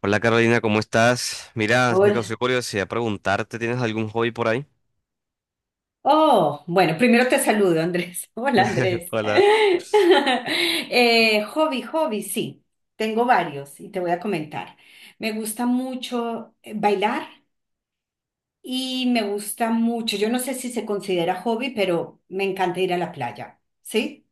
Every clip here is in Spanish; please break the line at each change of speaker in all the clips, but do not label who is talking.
Hola Carolina, ¿cómo estás? Mira, me causó
Hola.
curiosidad preguntarte, ¿tienes algún hobby por ahí?
Oh, bueno, primero te saludo, Andrés. Hola, Andrés.
Hola.
Hobby, hobby, sí. Tengo varios y te voy a comentar. Me gusta mucho bailar y me gusta mucho, yo no sé si se considera hobby, pero me encanta ir a la playa, ¿sí?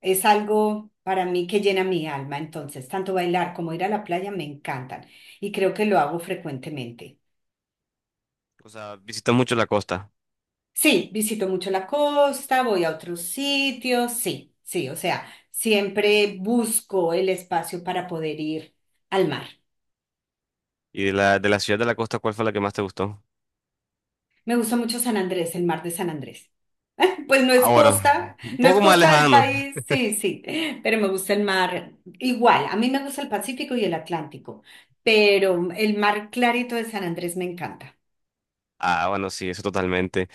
Es algo para mí que llena mi alma, entonces, tanto bailar como ir a la playa me encantan y creo que lo hago frecuentemente.
O sea, visitas mucho la costa.
Sí, visito mucho la costa, voy a otros sitios, sí, sí, o sea, siempre busco el espacio para poder ir al mar.
Y de la ciudad de la costa, ¿cuál fue la que más te gustó?
Me gusta mucho San Andrés, el mar de San Andrés. Pues no
Ah,
es
bueno,
costa,
un
no es
poco más
costa del
lejano.
país, sí, sí, pero me gusta el mar igual. A mí me gusta el Pacífico y el Atlántico, pero el mar clarito de San Andrés me encanta.
Ah, bueno, sí, eso totalmente.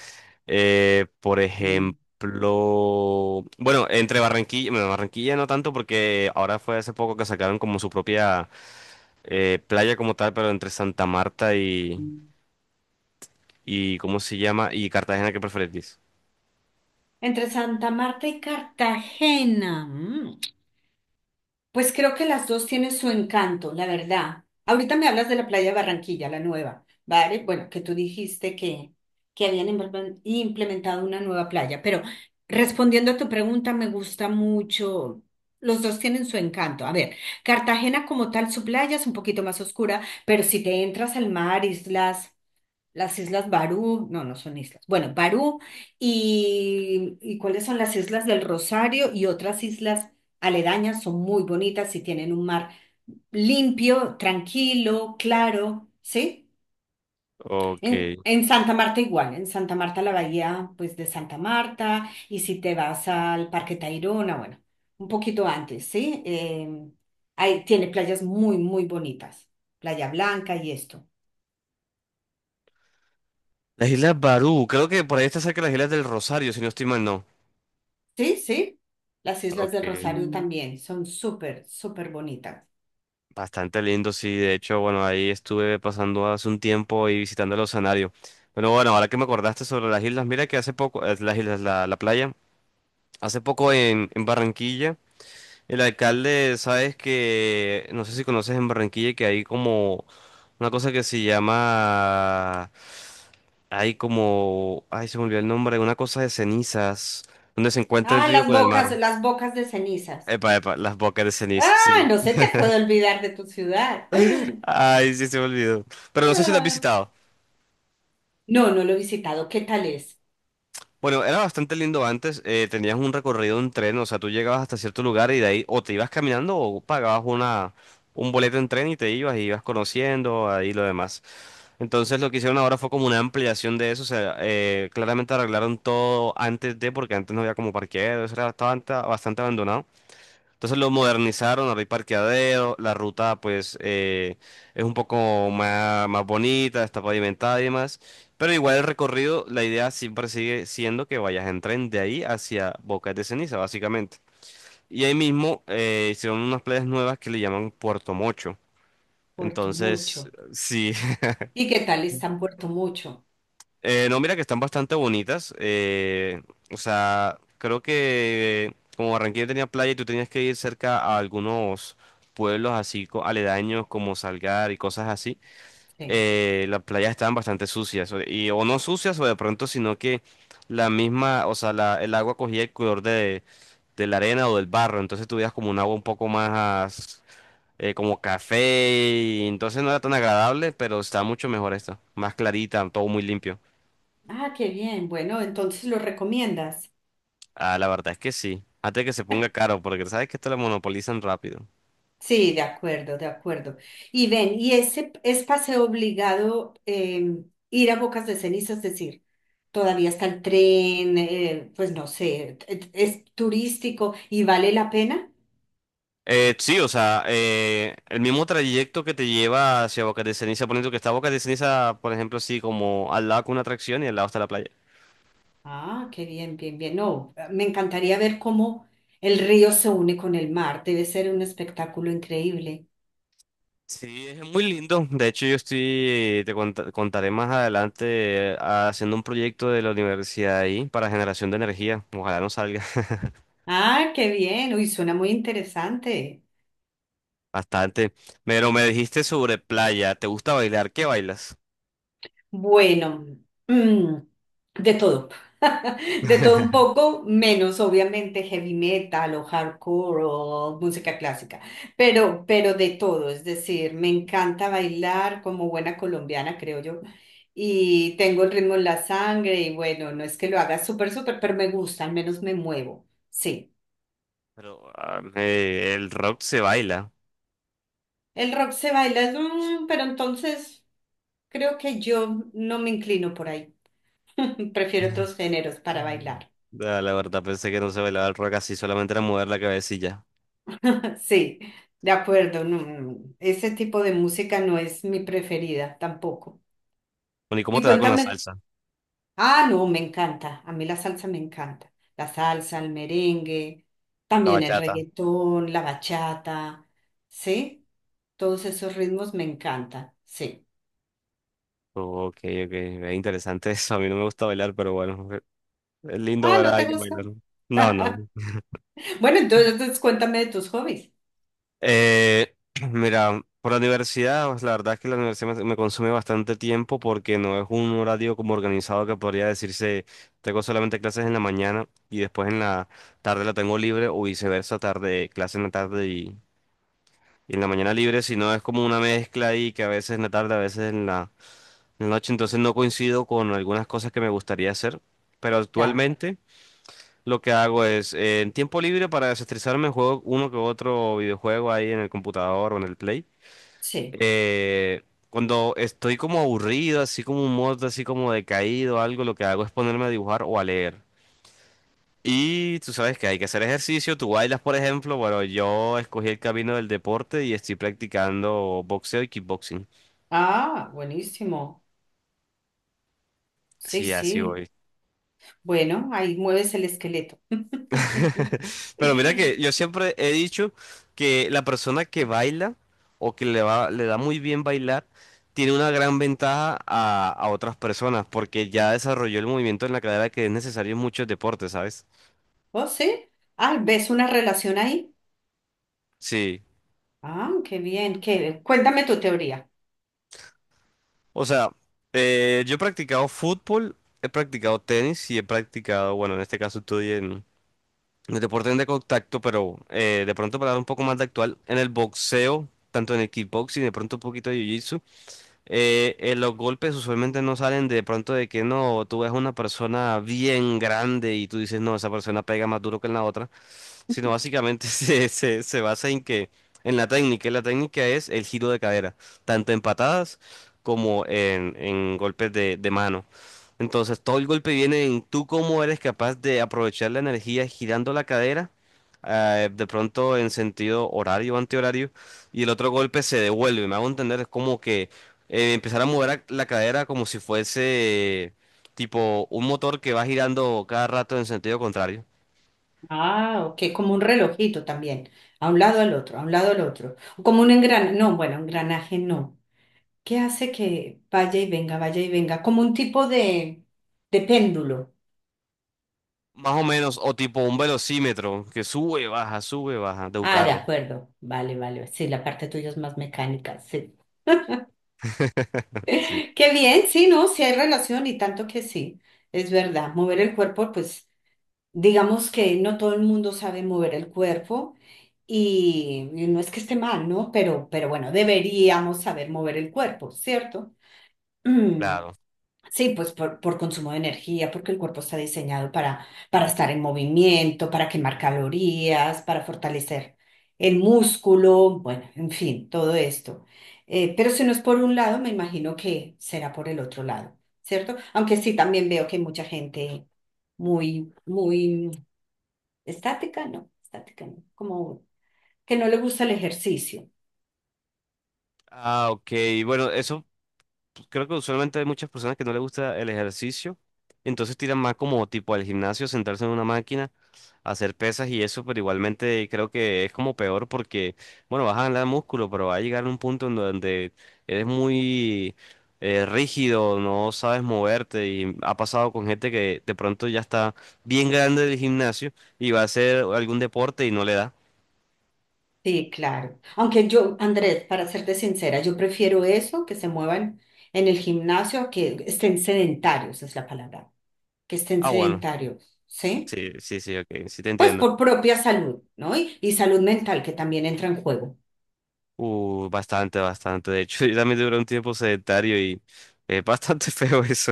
Por ejemplo, bueno, entre Barranquilla, bueno, Barranquilla no tanto porque ahora fue hace poco que sacaron como su propia playa como tal, pero entre Santa Marta y ¿cómo se llama? Y Cartagena, ¿qué preferís?
Entre Santa Marta y Cartagena. Mm. Pues creo que las dos tienen su encanto, la verdad. Ahorita me hablas de la playa de Barranquilla, la nueva, ¿vale? Bueno, que tú dijiste que habían implementado una nueva playa, pero respondiendo a tu pregunta, me gusta mucho. Los dos tienen su encanto. A ver, Cartagena como tal, su playa es un poquito más oscura, pero si te entras al mar, islas. Las Islas Barú, no, no son islas. Bueno, Barú y cuáles son las Islas del Rosario y otras islas aledañas son muy bonitas y tienen un mar limpio, tranquilo, claro, ¿sí?
Ok.
En Santa Marta igual, en Santa Marta la bahía pues de Santa Marta y si te vas al Parque Tayrona, bueno, un poquito antes, ¿sí? Ahí tiene playas muy, muy bonitas, Playa Blanca y esto.
Las Islas Barú, creo que por ahí está cerca de las Islas del Rosario, si no estoy mal, no.
Sí, sí. Las Islas del
Ok.
Rosario. Mm, también son súper, súper bonitas.
Bastante lindo, sí. De hecho, bueno, ahí estuve pasando hace un tiempo y visitando el oceanario. Pero bueno, ahora que me acordaste sobre las islas, mira que hace poco, las islas, la playa, hace poco en Barranquilla, el alcalde, sabes que, no sé si conoces en Barranquilla, que hay como una cosa que se llama, hay como, ay, se me olvidó el nombre, una cosa de cenizas, donde se encuentra el
Ah,
río con el mar.
las bocas de cenizas.
Epa, epa, las bocas de ceniza,
Ah,
sí.
no se te puede olvidar de tu ciudad.
Ay, sí, se me olvidó. Pero no sé si lo has
Ah,
visitado.
no, no lo he visitado. ¿Qué tal es?
Bueno, era bastante lindo antes. Tenías un recorrido en tren, o sea, tú llegabas hasta cierto lugar y de ahí o te ibas caminando o pagabas un boleto en tren y te ibas y ibas conociendo ahí lo demás. Entonces lo que hicieron ahora fue como una ampliación de eso. O sea, claramente arreglaron todo antes de, porque antes no había como parqueaderos, era bastante abandonado. Entonces lo modernizaron, ahora hay parqueadero, la ruta pues es un poco más bonita, está pavimentada y demás. Pero igual el recorrido, la idea siempre sigue siendo que vayas en tren de ahí hacia Bocas de Ceniza, básicamente. Y ahí mismo hicieron unas playas nuevas que le llaman Puerto Mocho.
Puerto
Entonces,
Mucho.
sí.
¿Y qué tal está en Puerto Mucho?
No, mira que están bastante bonitas. O sea, creo que como Barranquilla tenía playa y tú tenías que ir cerca a algunos pueblos así aledaños como Salgar y cosas así,
Sí.
las playas estaban bastante sucias. Y, o no sucias o de pronto, sino que la misma, o sea, el agua cogía el color de la arena o del barro. Entonces tú veías como un agua un poco más como café y entonces no era tan agradable, pero está mucho mejor esta. Más clarita, todo muy limpio.
Ah, qué bien. Bueno, entonces lo recomiendas.
Ah, la verdad es que sí. Hasta que se ponga caro, porque sabes que esto lo monopolizan rápido.
Sí, de acuerdo, de acuerdo. Y ven, y ese es paseo obligado ir a Bocas de Ceniza, es decir, todavía está el tren, pues no sé, es turístico y vale la pena.
Sí, o sea, el mismo trayecto que te lleva hacia Boca de Ceniza, poniendo que está Boca de Ceniza, por ejemplo, así como al lado con una atracción y al lado está la playa.
Ah, qué bien, bien, bien. No, me encantaría ver cómo el río se une con el mar. Debe ser un espectáculo increíble.
Sí, es muy lindo. De hecho, yo estoy, contaré más adelante, haciendo un proyecto de la universidad ahí para generación de energía. Ojalá no salga.
Ah, qué bien. Uy, suena muy interesante.
Bastante. Pero me dijiste sobre playa, ¿te gusta bailar? ¿Qué bailas?
Bueno, mm, de todo. De todo un poco, menos obviamente heavy metal o hardcore o música clásica, pero de todo. Es decir, me encanta bailar como buena colombiana, creo yo. Y tengo el ritmo en la sangre y bueno, no es que lo haga súper, súper, pero me gusta, al menos me muevo. Sí,
Pero ah, el rock se baila.
el rock se baila, pero entonces creo que yo no me inclino por ahí. Prefiero otros géneros para bailar.
Ah, la verdad, pensé que no se bailaba el rock así, solamente era mover la cabecilla.
Sí, de acuerdo. No, no, ese tipo de música no es mi preferida tampoco.
Bueno, ¿y cómo
Y
te va con la
cuéntame.
salsa?
Ah, no, me encanta. A mí la salsa me encanta. La salsa, el merengue,
La
también el
bachata.
reggaetón, la bachata. ¿Sí? Todos esos ritmos me encantan. Sí.
Oh, ok, ok, es interesante eso. A mí no me gusta bailar, pero bueno, es lindo
Ah,
ver a
¿no te
alguien
gusta?
bailar. No, no, no.
Bueno, entonces, entonces cuéntame de tus hobbies.
Eh, mira, por la universidad, pues la verdad es que la universidad me consume bastante tiempo porque no es un horario como organizado que podría decirse, tengo solamente clases en la mañana y después en la tarde la tengo libre o viceversa, tarde, clase en la tarde y en la mañana libre, sino es como una mezcla ahí que a veces en la tarde, a veces en la noche, entonces no coincido con algunas cosas que me gustaría hacer, pero
Ya,
actualmente... Lo que hago es, en tiempo libre para desestresarme, juego uno que otro videojuego ahí en el computador o en el Play.
sí.
Eh, Cuando estoy como aburrido, así como un modo así como decaído, algo, lo que hago es ponerme a dibujar o a leer. Y tú sabes que hay que hacer ejercicio, tú bailas, por ejemplo, bueno, yo escogí el camino del deporte y estoy practicando boxeo y kickboxing.
Ah, buenísimo. Sí,
Sí, así
sí.
voy.
Bueno, ahí mueves el esqueleto.
Pero mira que yo siempre he dicho que la persona que baila o que le va, le da muy bien bailar, tiene una gran ventaja a otras personas porque ya desarrolló el movimiento en la cadera que es necesario en muchos deportes, ¿sabes?
¿Oh, sí? Ah, ¿ves una relación ahí?
Sí,
Ah, qué bien, qué... Cuéntame tu teoría.
o sea, yo he practicado fútbol, he practicado tenis y he practicado, bueno, en este caso estoy en deportes de contacto, pero de pronto para dar un poco más de actual, en el boxeo, tanto en el kickboxing, de pronto un poquito de jiu-jitsu, los golpes usualmente no salen de pronto de que no, tú ves una persona bien grande y tú dices, no, esa persona pega más duro que en la otra, sino básicamente se basa en que, en la técnica, y la técnica es el giro de cadera, tanto en patadas como en golpes de mano. Entonces, todo el golpe viene en tú cómo eres capaz de aprovechar la energía girando la cadera, de pronto en sentido horario o antihorario, y el otro golpe se devuelve. Me hago entender, es como que empezar a mover la cadera como si fuese tipo un motor que va girando cada rato en sentido contrario.
Ah, ok, como un relojito también, a un lado al otro, a un lado al otro. Como un engranaje, no, bueno, engranaje no. ¿Qué hace que vaya y venga, vaya y venga? Como un tipo de péndulo.
Más o menos, o tipo un velocímetro que sube, baja de un
Ah, de
carro.
acuerdo, vale, vale. Sí, la parte tuya es más mecánica, sí.
Sí,
Qué bien, sí, ¿no? Sí hay relación y tanto que sí, es verdad. Mover el cuerpo, pues... digamos que no todo el mundo sabe mover el cuerpo y no es que esté mal, ¿no? Pero bueno, deberíamos saber mover el cuerpo, ¿cierto? Mm,
claro.
sí, pues por consumo de energía, porque el cuerpo está diseñado para estar en movimiento, para quemar calorías, para fortalecer el músculo, bueno, en fin, todo esto. Pero si no es por un lado, me imagino que será por el otro lado, ¿cierto? Aunque sí, también veo que hay mucha gente muy, muy estática, no, estática no, como que no le gusta el ejercicio.
Ah, ok. Bueno, eso creo que usualmente hay muchas personas que no les gusta el ejercicio, entonces tiran más como tipo al gimnasio, sentarse en una máquina, hacer pesas y eso, pero igualmente creo que es como peor porque, bueno, vas a ganar músculo, pero va a llegar un punto en donde eres muy rígido, no sabes moverte y ha pasado con gente que de pronto ya está bien grande del gimnasio y va a hacer algún deporte y no le da.
Sí, claro. Aunque yo, Andrés, para serte sincera, yo prefiero eso, que se muevan en el gimnasio, a que estén sedentarios, es la palabra, que estén
Ah, bueno,
sedentarios, ¿sí?
sí, sí, sí, ok, sí te
Pues
entiendo.
por propia salud, ¿no? Y salud mental que también entra en juego.
Bastante, bastante. De hecho, yo también duré un tiempo sedentario y es bastante feo eso.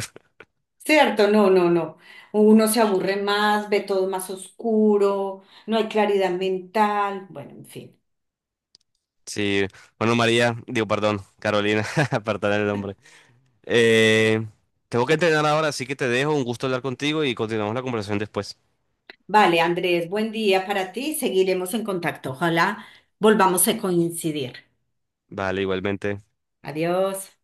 Cierto, no, no, no. Uno se aburre más, ve todo más oscuro, no hay claridad mental, bueno, en fin.
Sí, bueno, María, digo, perdón, Carolina, apartar el nombre. Eh, Tengo que entrenar ahora, así que te dejo. Un gusto hablar contigo y continuamos la conversación después.
Vale, Andrés, buen día para ti. Seguiremos en contacto. Ojalá volvamos a coincidir.
Vale, igualmente.
Adiós.